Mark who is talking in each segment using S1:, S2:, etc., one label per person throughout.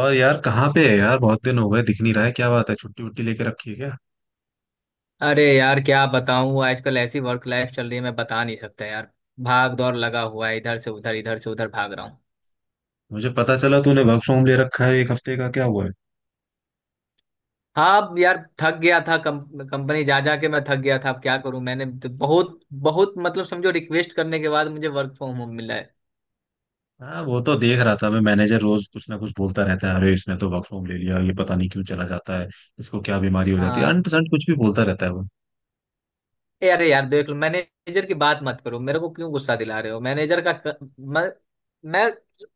S1: और यार कहाँ पे है यार? बहुत दिन हो गए, दिख नहीं रहा है। क्या बात है, छुट्टी वुट्टी लेके रखी है क्या?
S2: अरे यार क्या बताऊं, आजकल ऐसी वर्क लाइफ चल रही है, मैं बता नहीं सकता यार। भाग दौड़ लगा हुआ है, इधर से उधर भाग रहा हूँ।
S1: मुझे पता चला तूने वर्क फ्रॉम ले रखा है 1 हफ्ते का, क्या हुआ है?
S2: हाँ। अब यार थक गया था, कंपनी जा जा के मैं थक गया था। अब क्या करूं? मैंने तो बहुत बहुत मतलब समझो रिक्वेस्ट करने के बाद मुझे वर्क फ्रॉम होम मिला है।
S1: हाँ वो तो देख रहा था मैं। मैनेजर रोज कुछ ना कुछ बोलता रहता है, अरे इसने तो वर्क फ्रॉम ले लिया, ये पता नहीं क्यों चला जाता है। इसको क्या बीमारी हो जाती है,
S2: हाँ।
S1: अनपसंद कुछ भी बोलता रहता है वो।
S2: ए अरे यार देख लो, मैनेजर की बात मत करो, मेरे को क्यों गुस्सा दिला रहे हो? मैनेजर का मैं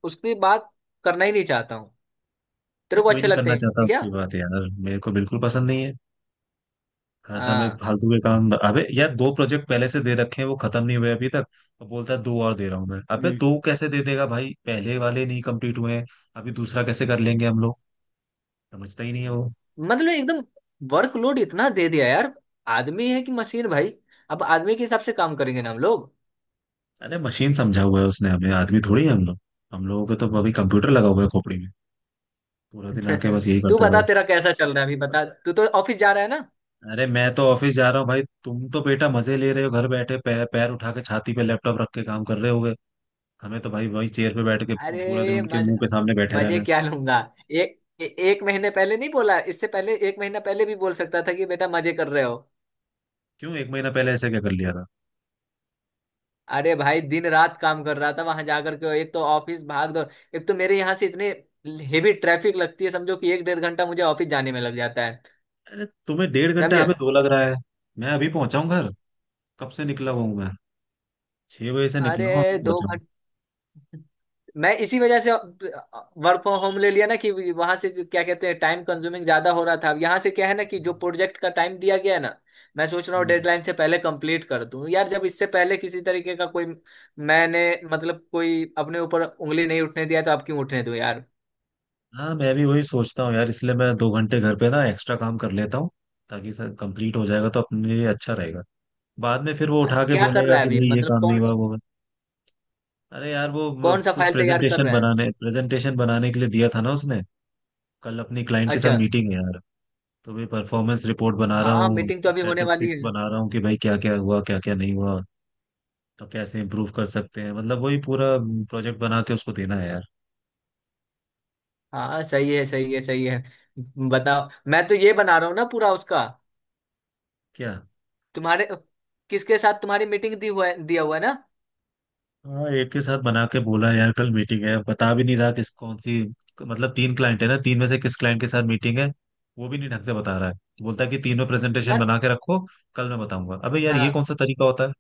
S2: उसकी बात करना ही नहीं चाहता हूँ।
S1: अरे
S2: तेरे को
S1: कोई
S2: अच्छे
S1: नहीं
S2: लगते
S1: करना चाहता
S2: हैं क्या?
S1: उसकी बात यार, मेरे को बिल्कुल पसंद नहीं है। खासा मैं
S2: हाँ।
S1: फालतू के काम। अबे यार, दो प्रोजेक्ट पहले से दे रखे हैं, वो खत्म नहीं हुए अभी तक। और बोलता है दो और दे रहा हूँ मैं। अबे दो कैसे दे देगा भाई, पहले वाले नहीं कंप्लीट हुए हैं, अभी दूसरा कैसे कर लेंगे हम लोग। समझता ही नहीं है वो।
S2: मतलब एकदम वर्कलोड इतना दे दिया यार। आदमी है कि मशीन भाई? अब आदमी के हिसाब से काम करेंगे ना हम लोग।
S1: अरे मशीन समझा हुआ है उसने हमें, आदमी थोड़ी है हम लोग। हम लोगों को तो अभी कंप्यूटर लगा हुआ है खोपड़ी में, पूरा दिन आके बस यही
S2: तू
S1: करते
S2: बता
S1: रहो।
S2: तेरा कैसा चल रहा है? अभी बता, तू तो ऑफिस जा रहा है ना?
S1: अरे मैं तो ऑफिस जा रहा हूँ भाई, तुम तो बेटा मजे ले रहे हो, घर बैठे पैर पैर उठा के छाती पे लैपटॉप रख के काम कर रहे होगे। हमें तो भाई वही चेयर पे बैठ के पूरा दिन
S2: अरे
S1: उनके
S2: मज
S1: मुंह के सामने बैठे रहना
S2: मजे
S1: है।
S2: क्या लूंगा? एक महीने पहले नहीं बोला? इससे पहले एक महीना पहले भी बोल सकता था कि बेटा मजे कर रहे हो।
S1: क्यों, एक महीना पहले ऐसे क्या कर लिया था?
S2: अरे भाई दिन रात काम कर रहा था वहां जाकर के। एक तो ऑफिस भाग दौड़, एक तो मेरे यहाँ से इतने हेवी ट्रैफिक लगती है, समझो कि एक 1.5 घंटा मुझे ऑफिस जाने में लग जाता है।
S1: अरे तुम्हें डेढ़ घंटा,
S2: समझे?
S1: हमें दो लग रहा है। मैं अभी पहुंचा हूँ घर। कब से निकला हुआ हूँ मैं, 6 बजे से
S2: अरे
S1: निकला हूँ, अभी
S2: दो
S1: पहुंचा हूँ।
S2: घंटे मैं इसी वजह से वर्क फ्रॉम होम ले लिया ना, कि वहां से जो क्या कहते हैं टाइम कंज्यूमिंग ज्यादा हो रहा था। अब यहाँ से क्या है ना, कि जो प्रोजेक्ट का टाइम दिया गया है ना, मैं सोच रहा हूँ
S1: हम्म।
S2: डेडलाइन से पहले कंप्लीट कर दूं यार। जब इससे पहले किसी तरीके का कोई, मैंने मतलब कोई अपने ऊपर उंगली नहीं उठने दिया, तो अब क्यों उठने दूं यार।
S1: हाँ मैं भी वही सोचता हूँ यार, इसलिए मैं 2 घंटे घर पे ना एक्स्ट्रा काम कर लेता हूँ, ताकि सर कंप्लीट हो जाएगा तो अपने लिए अच्छा रहेगा। बाद में फिर वो उठा के
S2: क्या कर
S1: बोलेगा
S2: रहा है
S1: कि
S2: अभी,
S1: भाई ये
S2: मतलब
S1: काम नहीं
S2: कौन?
S1: हुआ वो हुआ। अरे यार वो
S2: कौन सा
S1: कुछ
S2: फाइल तैयार कर
S1: प्रेजेंटेशन
S2: रहा है?
S1: बनाने प्रेजेंटेशन बनाने के लिए दिया था ना उसने। कल अपनी क्लाइंट के साथ
S2: अच्छा।
S1: मीटिंग है यार। तो भाई परफॉर्मेंस रिपोर्ट बना रहा
S2: हाँ
S1: हूँ,
S2: मीटिंग तो अभी होने वाली
S1: स्टैटिस्टिक्स
S2: है।
S1: बना रहा हूँ कि भाई क्या क्या हुआ क्या क्या नहीं हुआ, तो कैसे इम्प्रूव कर सकते हैं। मतलब वही पूरा प्रोजेक्ट बना के उसको देना है यार।
S2: हाँ सही है सही है सही है। बताओ मैं तो ये बना रहा हूँ ना पूरा उसका।
S1: क्या?
S2: तुम्हारे किसके साथ तुम्हारी मीटिंग दी हुआ है, दिया हुआ है ना?
S1: हाँ एक के साथ बना के बोला यार कल मीटिंग है, बता भी नहीं रहा किस, कौन सी। मतलब तीन क्लाइंट है ना, तीन में से किस क्लाइंट के साथ मीटिंग है वो भी नहीं ढंग से बता रहा है। बोलता है कि तीनों प्रेजेंटेशन
S2: यार।
S1: बना के रखो, कल मैं बताऊंगा। अबे यार ये
S2: हाँ
S1: कौन सा तरीका होता है?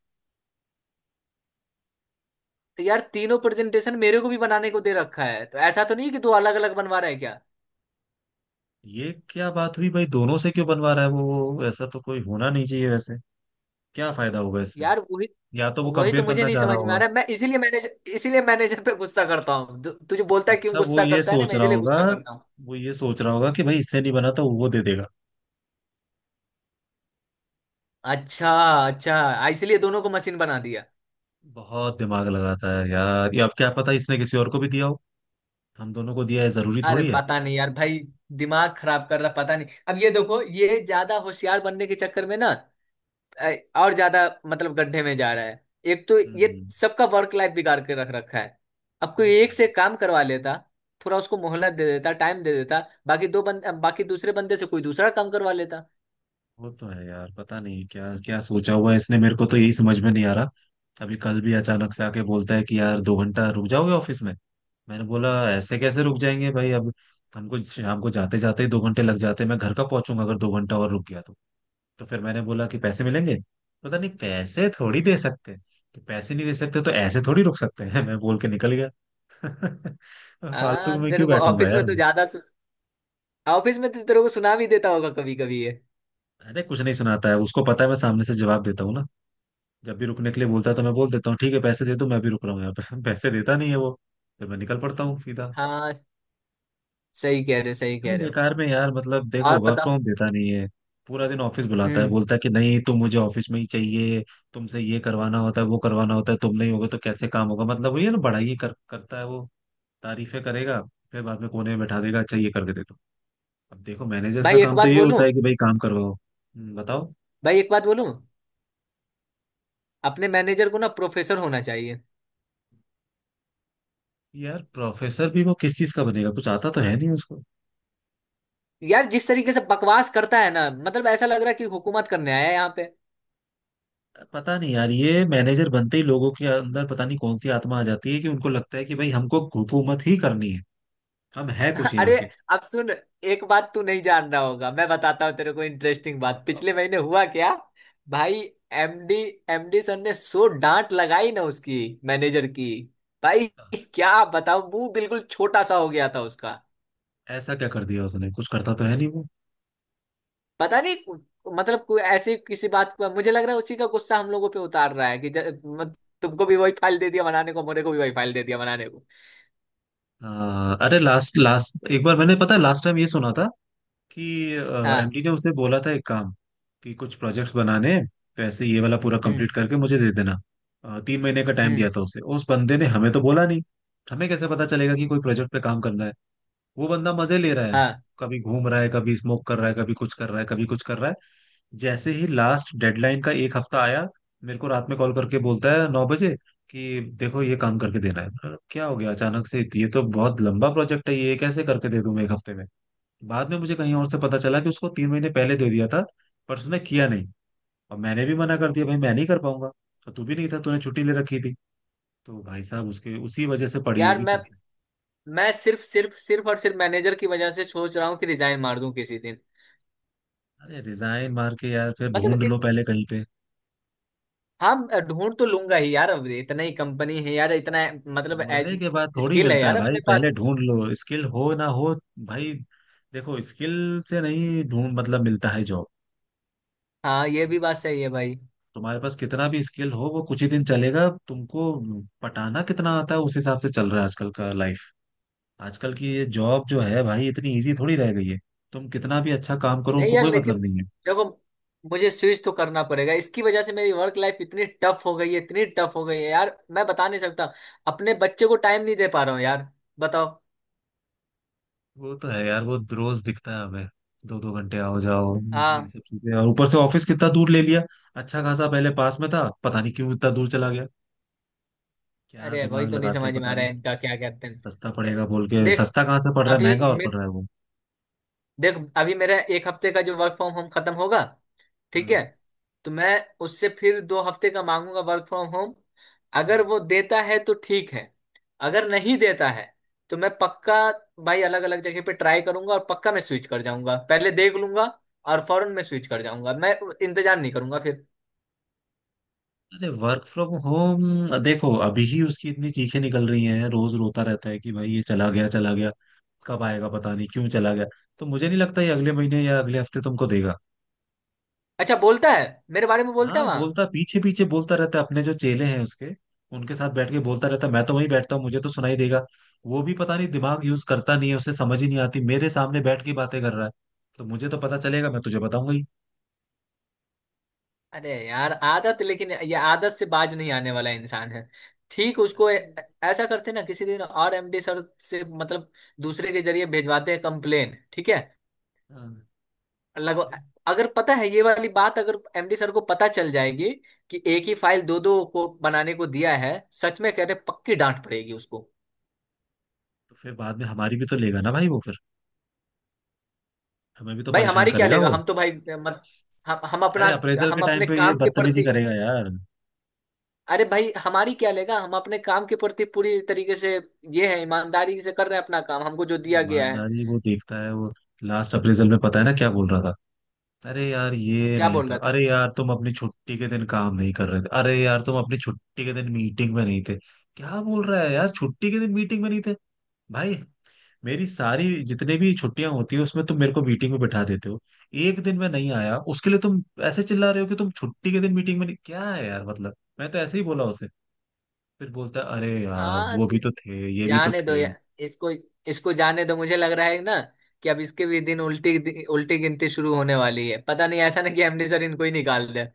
S2: तो यार तीनों प्रेजेंटेशन मेरे को भी बनाने को दे रखा है। तो ऐसा तो नहीं कि दो अलग अलग बनवा रहा है क्या?
S1: ये क्या बात हुई भाई, दोनों से क्यों बनवा रहा है वो, ऐसा तो कोई होना नहीं चाहिए वैसे। क्या फायदा होगा इससे।
S2: यार वही।
S1: या तो वो
S2: वही तो
S1: कंपेयर
S2: मुझे
S1: करना
S2: नहीं
S1: चाह रहा
S2: समझ में आ
S1: होगा।
S2: रहा है। मैं इसीलिए मैनेजर, इसीलिए मैनेजर पे गुस्सा करता हूँ। तुझे बोलता है क्यों
S1: अच्छा वो
S2: गुस्सा
S1: ये
S2: करता है ना,
S1: सोच
S2: मैं
S1: रहा
S2: इसीलिए
S1: होगा,
S2: गुस्सा करता हूँ।
S1: वो ये सोच रहा होगा कि भाई इससे नहीं बना तो वो दे देगा।
S2: अच्छा। अच्छा इसलिए दोनों को मशीन बना दिया।
S1: बहुत दिमाग लगाता है यार ये, अब क्या पता इसने किसी और को भी दिया हो, हम दोनों को दिया है जरूरी
S2: अरे
S1: थोड़ी है।
S2: पता नहीं यार भाई, दिमाग खराब कर रहा, पता नहीं। अब ये देखो, ये ज्यादा होशियार बनने के चक्कर में ना अ, और ज्यादा मतलब गड्ढे में जा रहा है। एक तो ये
S1: हम्म,
S2: सबका वर्क लाइफ बिगाड़ के रख रखा है। अब
S1: वो
S2: कोई
S1: तो
S2: एक से
S1: है।
S2: काम करवा लेता, थोड़ा उसको मोहलत दे देता, टाइम दे देता, बाकी दूसरे बंदे से कोई दूसरा काम करवा लेता।
S1: वो तो है यार, पता नहीं क्या क्या सोचा हुआ है इसने, मेरे को तो यही समझ में नहीं आ रहा। अभी कल भी अचानक से आके बोलता है कि यार 2 घंटा रुक जाओगे ऑफिस में। मैंने बोला ऐसे कैसे रुक जाएंगे भाई, अब हमको शाम को जाते जाते ही 2 घंटे लग जाते हैं, मैं घर का पहुंचूंगा अगर 2 घंटा और रुक गया तो। तो फिर मैंने बोला कि पैसे मिलेंगे? पता नहीं, पैसे थोड़ी दे सकते हैं। कि पैसे नहीं दे सकते तो ऐसे थोड़ी रुक सकते हैं। मैं बोल के निकल गया।
S2: आ
S1: फालतू में
S2: तेरे
S1: क्यों
S2: को
S1: बैठूंगा
S2: ऑफिस में
S1: यार।
S2: तो ज्यादा सु... ऑफिस में तो तेरे को सुना भी देता होगा कभी कभी ये।
S1: अरे कुछ नहीं सुनाता है, उसको पता है मैं सामने से जवाब देता हूँ ना। जब भी रुकने के लिए बोलता है तो मैं बोल देता हूँ ठीक है पैसे दे दो मैं भी रुक रहा हूँ यहाँ पे। पैसे देता नहीं है वो, फिर मैं निकल पड़ता हूँ सीधा।
S2: हाँ सही कह रहे हो सही कह
S1: क्यों
S2: रहे हो।
S1: बेकार में यार, मतलब देखो
S2: और
S1: वर्क
S2: बताओ।
S1: फ्रॉम देता नहीं है, पूरा दिन ऑफिस बुलाता है,
S2: हम्म।
S1: बोलता है कि नहीं तुम मुझे ऑफिस में ही चाहिए। तुमसे ये करवाना होता है वो करवाना होता है, तुम नहीं होगे तो कैसे काम होगा। मतलब वही है ना, बड़ाई करता है वो, तारीफें करेगा, फिर बाद में कोने में बैठा देगा अच्छा ये करके दे दो। अब देखो मैनेजर्स का
S2: भाई एक
S1: काम तो
S2: बात
S1: ये होता
S2: बोलूं?
S1: है कि भाई काम करवाओ। बताओ।
S2: भाई एक बात बोलूं? अपने मैनेजर को ना प्रोफेसर होना चाहिए।
S1: यार प्रोफेसर भी वो किस चीज का बनेगा, कुछ आता तो है नहीं उसको।
S2: यार जिस तरीके से बकवास करता है ना, मतलब ऐसा लग रहा है कि हुकूमत करने आया है यहाँ पे।
S1: पता नहीं यार ये मैनेजर बनते ही लोगों के अंदर पता नहीं कौन सी आत्मा आ जाती है कि उनको लगता है कि भाई हमको हुकूमत ही करनी है, हम है कुछ यहाँ
S2: अरे
S1: के।
S2: अब सुन। एक बात तू नहीं जान रहा होगा, मैं बताता हूँ तेरे को, इंटरेस्टिंग बात,
S1: मतलब
S2: पिछले महीने हुआ क्या? भाई एमडी एमडी सर ने सो डांट लगाई ना उसकी, मैनेजर की। भाई क्या बताऊं, मुंह बिल्कुल छोटा सा हो गया था उसका।
S1: ऐसा क्या कर दिया उसने, कुछ करता तो है नहीं वो।
S2: पता नहीं, मतलब कोई ऐसी किसी बात पर मुझे लग रहा है उसी का गुस्सा हम लोगों पे उतार रहा है, कि तुमको भी वही फाइल दे दिया बनाने को, मेरे को भी वही फाइल दे दिया बनाने को।
S1: अरे लास्ट लास्ट एक बार मैंने, पता है लास्ट टाइम ये सुना था कि
S2: हाँ।
S1: एमडी ने उसे बोला था एक काम, कि कुछ प्रोजेक्ट्स बनाने हैं, वैसे ये वाला पूरा
S2: हम्म।
S1: कंप्लीट करके मुझे दे देना। 3 महीने का टाइम
S2: हम्म।
S1: दिया था उसे, उस बंदे ने हमें तो बोला नहीं। हमें कैसे पता चलेगा कि कोई प्रोजेक्ट पे काम करना है? वो बंदा मजे ले रहा है,
S2: हाँ।
S1: कभी घूम रहा है कभी स्मोक कर रहा है कभी कुछ कर रहा है कभी कुछ कर रहा है। जैसे ही लास्ट डेडलाइन का 1 हफ्ता आया, मेरे को रात में कॉल करके बोलता है 9 बजे, कि देखो ये काम करके देना है। मैंने कहा, क्या हो गया अचानक से, ये तो बहुत लंबा प्रोजेक्ट है, ये कैसे करके दे दूं मैं 1 हफ्ते में। बाद में मुझे कहीं और से पता चला कि उसको 3 महीने पहले दे दिया था, पर उसने किया नहीं, और मैंने भी मना कर दिया भाई मैं नहीं कर पाऊंगा, और तू भी नहीं था, तूने छुट्टी ले रखी थी, तो भाई साहब उसके उसी वजह से पड़ी
S2: यार
S1: होगी
S2: मैं
S1: फिर।
S2: मैं सिर्फ सिर्फ सिर्फ और सिर्फ मैनेजर की वजह से सोच रहा हूँ कि रिजाइन मार दूं किसी दिन।
S1: अरे रिजाइन मार के यार फिर
S2: मतलब
S1: ढूंढ
S2: कि।
S1: लो पहले कहीं पे।
S2: हाँ। ढूंढ तो लूंगा ही यार। अब इतना ही कंपनी है यार, इतना मतलब
S1: ढूंढने के बाद थोड़ी
S2: स्किल है
S1: मिलता है
S2: यार
S1: भाई,
S2: अपने
S1: पहले
S2: पास।
S1: ढूंढ लो, स्किल हो ना हो। भाई देखो स्किल से नहीं ढूंढ मतलब मिलता है जॉब।
S2: हाँ ये भी बात सही है भाई।
S1: तुम्हारे पास कितना भी स्किल हो वो कुछ ही दिन चलेगा तुमको। पटाना कितना आता है उस हिसाब से चल रहा है आजकल का लाइफ। आजकल की ये जॉब जो है भाई इतनी इजी थोड़ी रह गई है, तुम कितना भी अच्छा काम करो
S2: नहीं
S1: उनको
S2: यार
S1: कोई
S2: लेकिन
S1: मतलब नहीं है।
S2: देखो, मुझे स्विच तो करना पड़ेगा। इसकी वजह से मेरी वर्क लाइफ इतनी टफ हो गई है, इतनी टफ हो गई है यार, मैं बता नहीं सकता। अपने बच्चे को टाइम नहीं दे पा रहा हूँ यार। बताओ।
S1: वो तो है यार, वो रोज दिखता है हमें। दो दो घंटे आओ जाओ, ये
S2: हाँ।
S1: सब चीजें, और ऊपर से ऑफिस कितना दूर ले लिया। अच्छा खासा पहले पास में था, पता नहीं क्यों इतना दूर चला गया। क्या
S2: अरे वही
S1: दिमाग
S2: तो नहीं
S1: लगाते हैं
S2: समझ में आ
S1: पता
S2: रहा
S1: नहीं।
S2: है इनका, क्या कहते
S1: सस्ता
S2: हैं।
S1: पड़ेगा बोल के,
S2: देख
S1: सस्ता कहाँ से पड़ रहा है,
S2: अभी
S1: महंगा और
S2: मैं
S1: पड़ रहा है वो।
S2: देख, अभी मेरा एक हफ्ते का जो वर्क फ्रॉम होम खत्म होगा ठीक है, तो मैं उससे फिर 2 हफ्ते का मांगूंगा वर्क फ्रॉम होम।
S1: हाँ।
S2: अगर वो देता है तो ठीक है, अगर नहीं देता है तो मैं पक्का, भाई अलग अलग जगह पे ट्राई करूंगा और पक्का मैं स्विच कर जाऊंगा, पहले देख लूंगा और फौरन मैं स्विच कर जाऊंगा, मैं इंतजार नहीं करूंगा फिर।
S1: अरे वर्क फ्रॉम होम देखो अभी ही उसकी इतनी चीखें निकल रही हैं, रोज रोता रहता है कि भाई ये चला गया चला गया, कब आएगा, पता नहीं क्यों चला गया। तो मुझे नहीं लगता ये अगले महीने या अगले हफ्ते तुमको देगा।
S2: अच्छा बोलता है? मेरे बारे में बोलता
S1: हाँ
S2: है वहां?
S1: बोलता, पीछे पीछे बोलता रहता है, अपने जो चेले हैं उसके, उनके साथ बैठ के बोलता रहता है। मैं तो वहीं बैठता हूँ, मुझे तो सुनाई देगा। वो भी पता नहीं दिमाग यूज करता नहीं है, उसे समझ ही नहीं आती मेरे सामने बैठ के बातें कर रहा है। तो मुझे तो पता चलेगा, मैं तुझे बताऊंगा ही।
S2: अरे यार आदत, लेकिन ये आदत से बाज नहीं आने वाला इंसान है। ठीक उसको ऐसा करते ना किसी दिन, और एमडी सर से मतलब दूसरे के जरिए भेजवाते हैं कंप्लेन ठीक है।
S1: हाँ,
S2: लग
S1: फिर-
S2: अगर पता है ये वाली बात, अगर एमडी सर को पता चल जाएगी कि एक ही फाइल दो दो को बनाने को दिया है, सच में कह रहे पक्की डांट पड़ेगी उसको।
S1: तो फिर बाद में हमारी भी तो लेगा ना भाई वो फिर, हमें भी तो
S2: भाई
S1: परेशान
S2: हमारी क्या
S1: करेगा
S2: लेगा?
S1: वो।
S2: हम तो भाई मत, हम अपना,
S1: अरे अप्रेजल के
S2: हम
S1: टाइम
S2: अपने
S1: पे ये
S2: काम के
S1: बदतमीजी
S2: प्रति।
S1: करेगा यार।
S2: अरे भाई हमारी क्या लेगा, हम अपने काम के प्रति पूरी तरीके से ये है, ईमानदारी से कर रहे हैं अपना काम हमको जो
S1: अरे
S2: दिया गया है।
S1: ईमानदारी वो देखता है वो। लास्ट अप्रेजल में पता है ना क्या बोल रहा था? अरे यार ये
S2: क्या
S1: नहीं
S2: बोल
S1: था,
S2: रहा था।
S1: अरे यार तुम अपनी छुट्टी के दिन काम नहीं कर रहे थे, अरे यार तुम अपनी छुट्टी के दिन मीटिंग में नहीं थे। क्या बोल रहा है यार, छुट्टी के दिन मीटिंग में नहीं थे। भाई मेरी सारी जितने भी छुट्टियां होती है उसमें तुम मेरे को मीटिंग में बिठा देते हो, एक दिन मैं नहीं आया उसके लिए तुम ऐसे चिल्ला रहे हो कि तुम छुट्टी के दिन मीटिंग में नहीं, क्या है यार। मतलब मैं तो ऐसे ही बोला उसे, फिर बोलता है अरे यार
S2: आ,
S1: वो भी तो थे ये भी तो
S2: जाने दो
S1: थे।
S2: यार, इसको, इसको जाने दो। मुझे लग रहा है ना कि अब इसके भी दिन उल्टी उल्टी गिनती शुरू होने वाली है। पता नहीं, ऐसा नहीं कि एमडी सर इनको ही निकाल दे।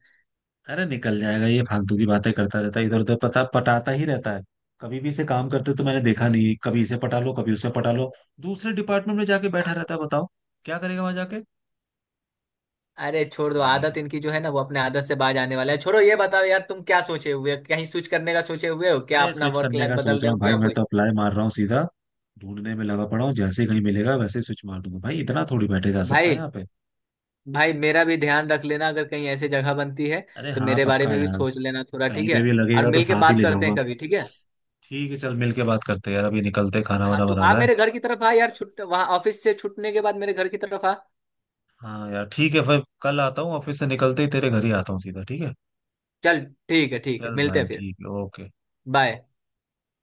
S1: अरे निकल जाएगा ये, फालतू की बातें करता रहता है, इधर उधर पता पटाता ही रहता है। कभी भी इसे काम करते तो मैंने देखा नहीं, कभी इसे पटा लो कभी उसे पटा लो, दूसरे डिपार्टमेंट में जाके बैठा रहता है। बताओ क्या करेगा वहां जाके।
S2: अरे छोड़ दो
S1: पता नहीं कर।
S2: आदत इनकी, जो है ना वो अपने आदत से बाज आने वाला है। छोड़ो ये बताओ यार, तुम क्या सोचे हुए हो? कहीं स्विच करने का सोचे हुए हो क्या?
S1: अरे
S2: अपना
S1: स्विच
S2: वर्क
S1: करने
S2: लाइफ
S1: का
S2: बदल
S1: सोच रहा
S2: रहे हो
S1: हूँ भाई,
S2: क्या
S1: मैं तो
S2: कोई?
S1: अप्लाई मार रहा हूँ सीधा, ढूंढने में लगा पड़ा हूँ, जैसे ही कहीं मिलेगा वैसे ही स्विच मार दूंगा भाई, इतना थोड़ी बैठे जा सकता है
S2: भाई
S1: यहाँ पे।
S2: भाई मेरा भी ध्यान रख लेना, अगर कहीं ऐसी जगह बनती है
S1: अरे
S2: तो
S1: हाँ
S2: मेरे बारे
S1: पक्का
S2: में भी
S1: यार,
S2: सोच लेना थोड़ा,
S1: कहीं
S2: ठीक है।
S1: पे भी
S2: और
S1: लगेगा तो
S2: मिल के
S1: साथ ही
S2: बात
S1: ले
S2: करते हैं
S1: जाऊंगा।
S2: कभी, ठीक है।
S1: ठीक है चल मिल के बात करते हैं यार, अभी निकलते हैं, खाना
S2: हाँ
S1: वाना
S2: तू आ,
S1: बनाना है।
S2: मेरे घर की तरफ आ यार। छुट वहाँ ऑफिस से छुटने के बाद मेरे घर की तरफ आ।
S1: हाँ यार ठीक है, फिर कल आता हूँ ऑफिस से निकलते ही तेरे घर ही आता हूँ सीधा। ठीक है,
S2: चल ठीक है ठीक है,
S1: चल
S2: मिलते
S1: भाई
S2: हैं फिर।
S1: ठीक है, ओके।
S2: बाय।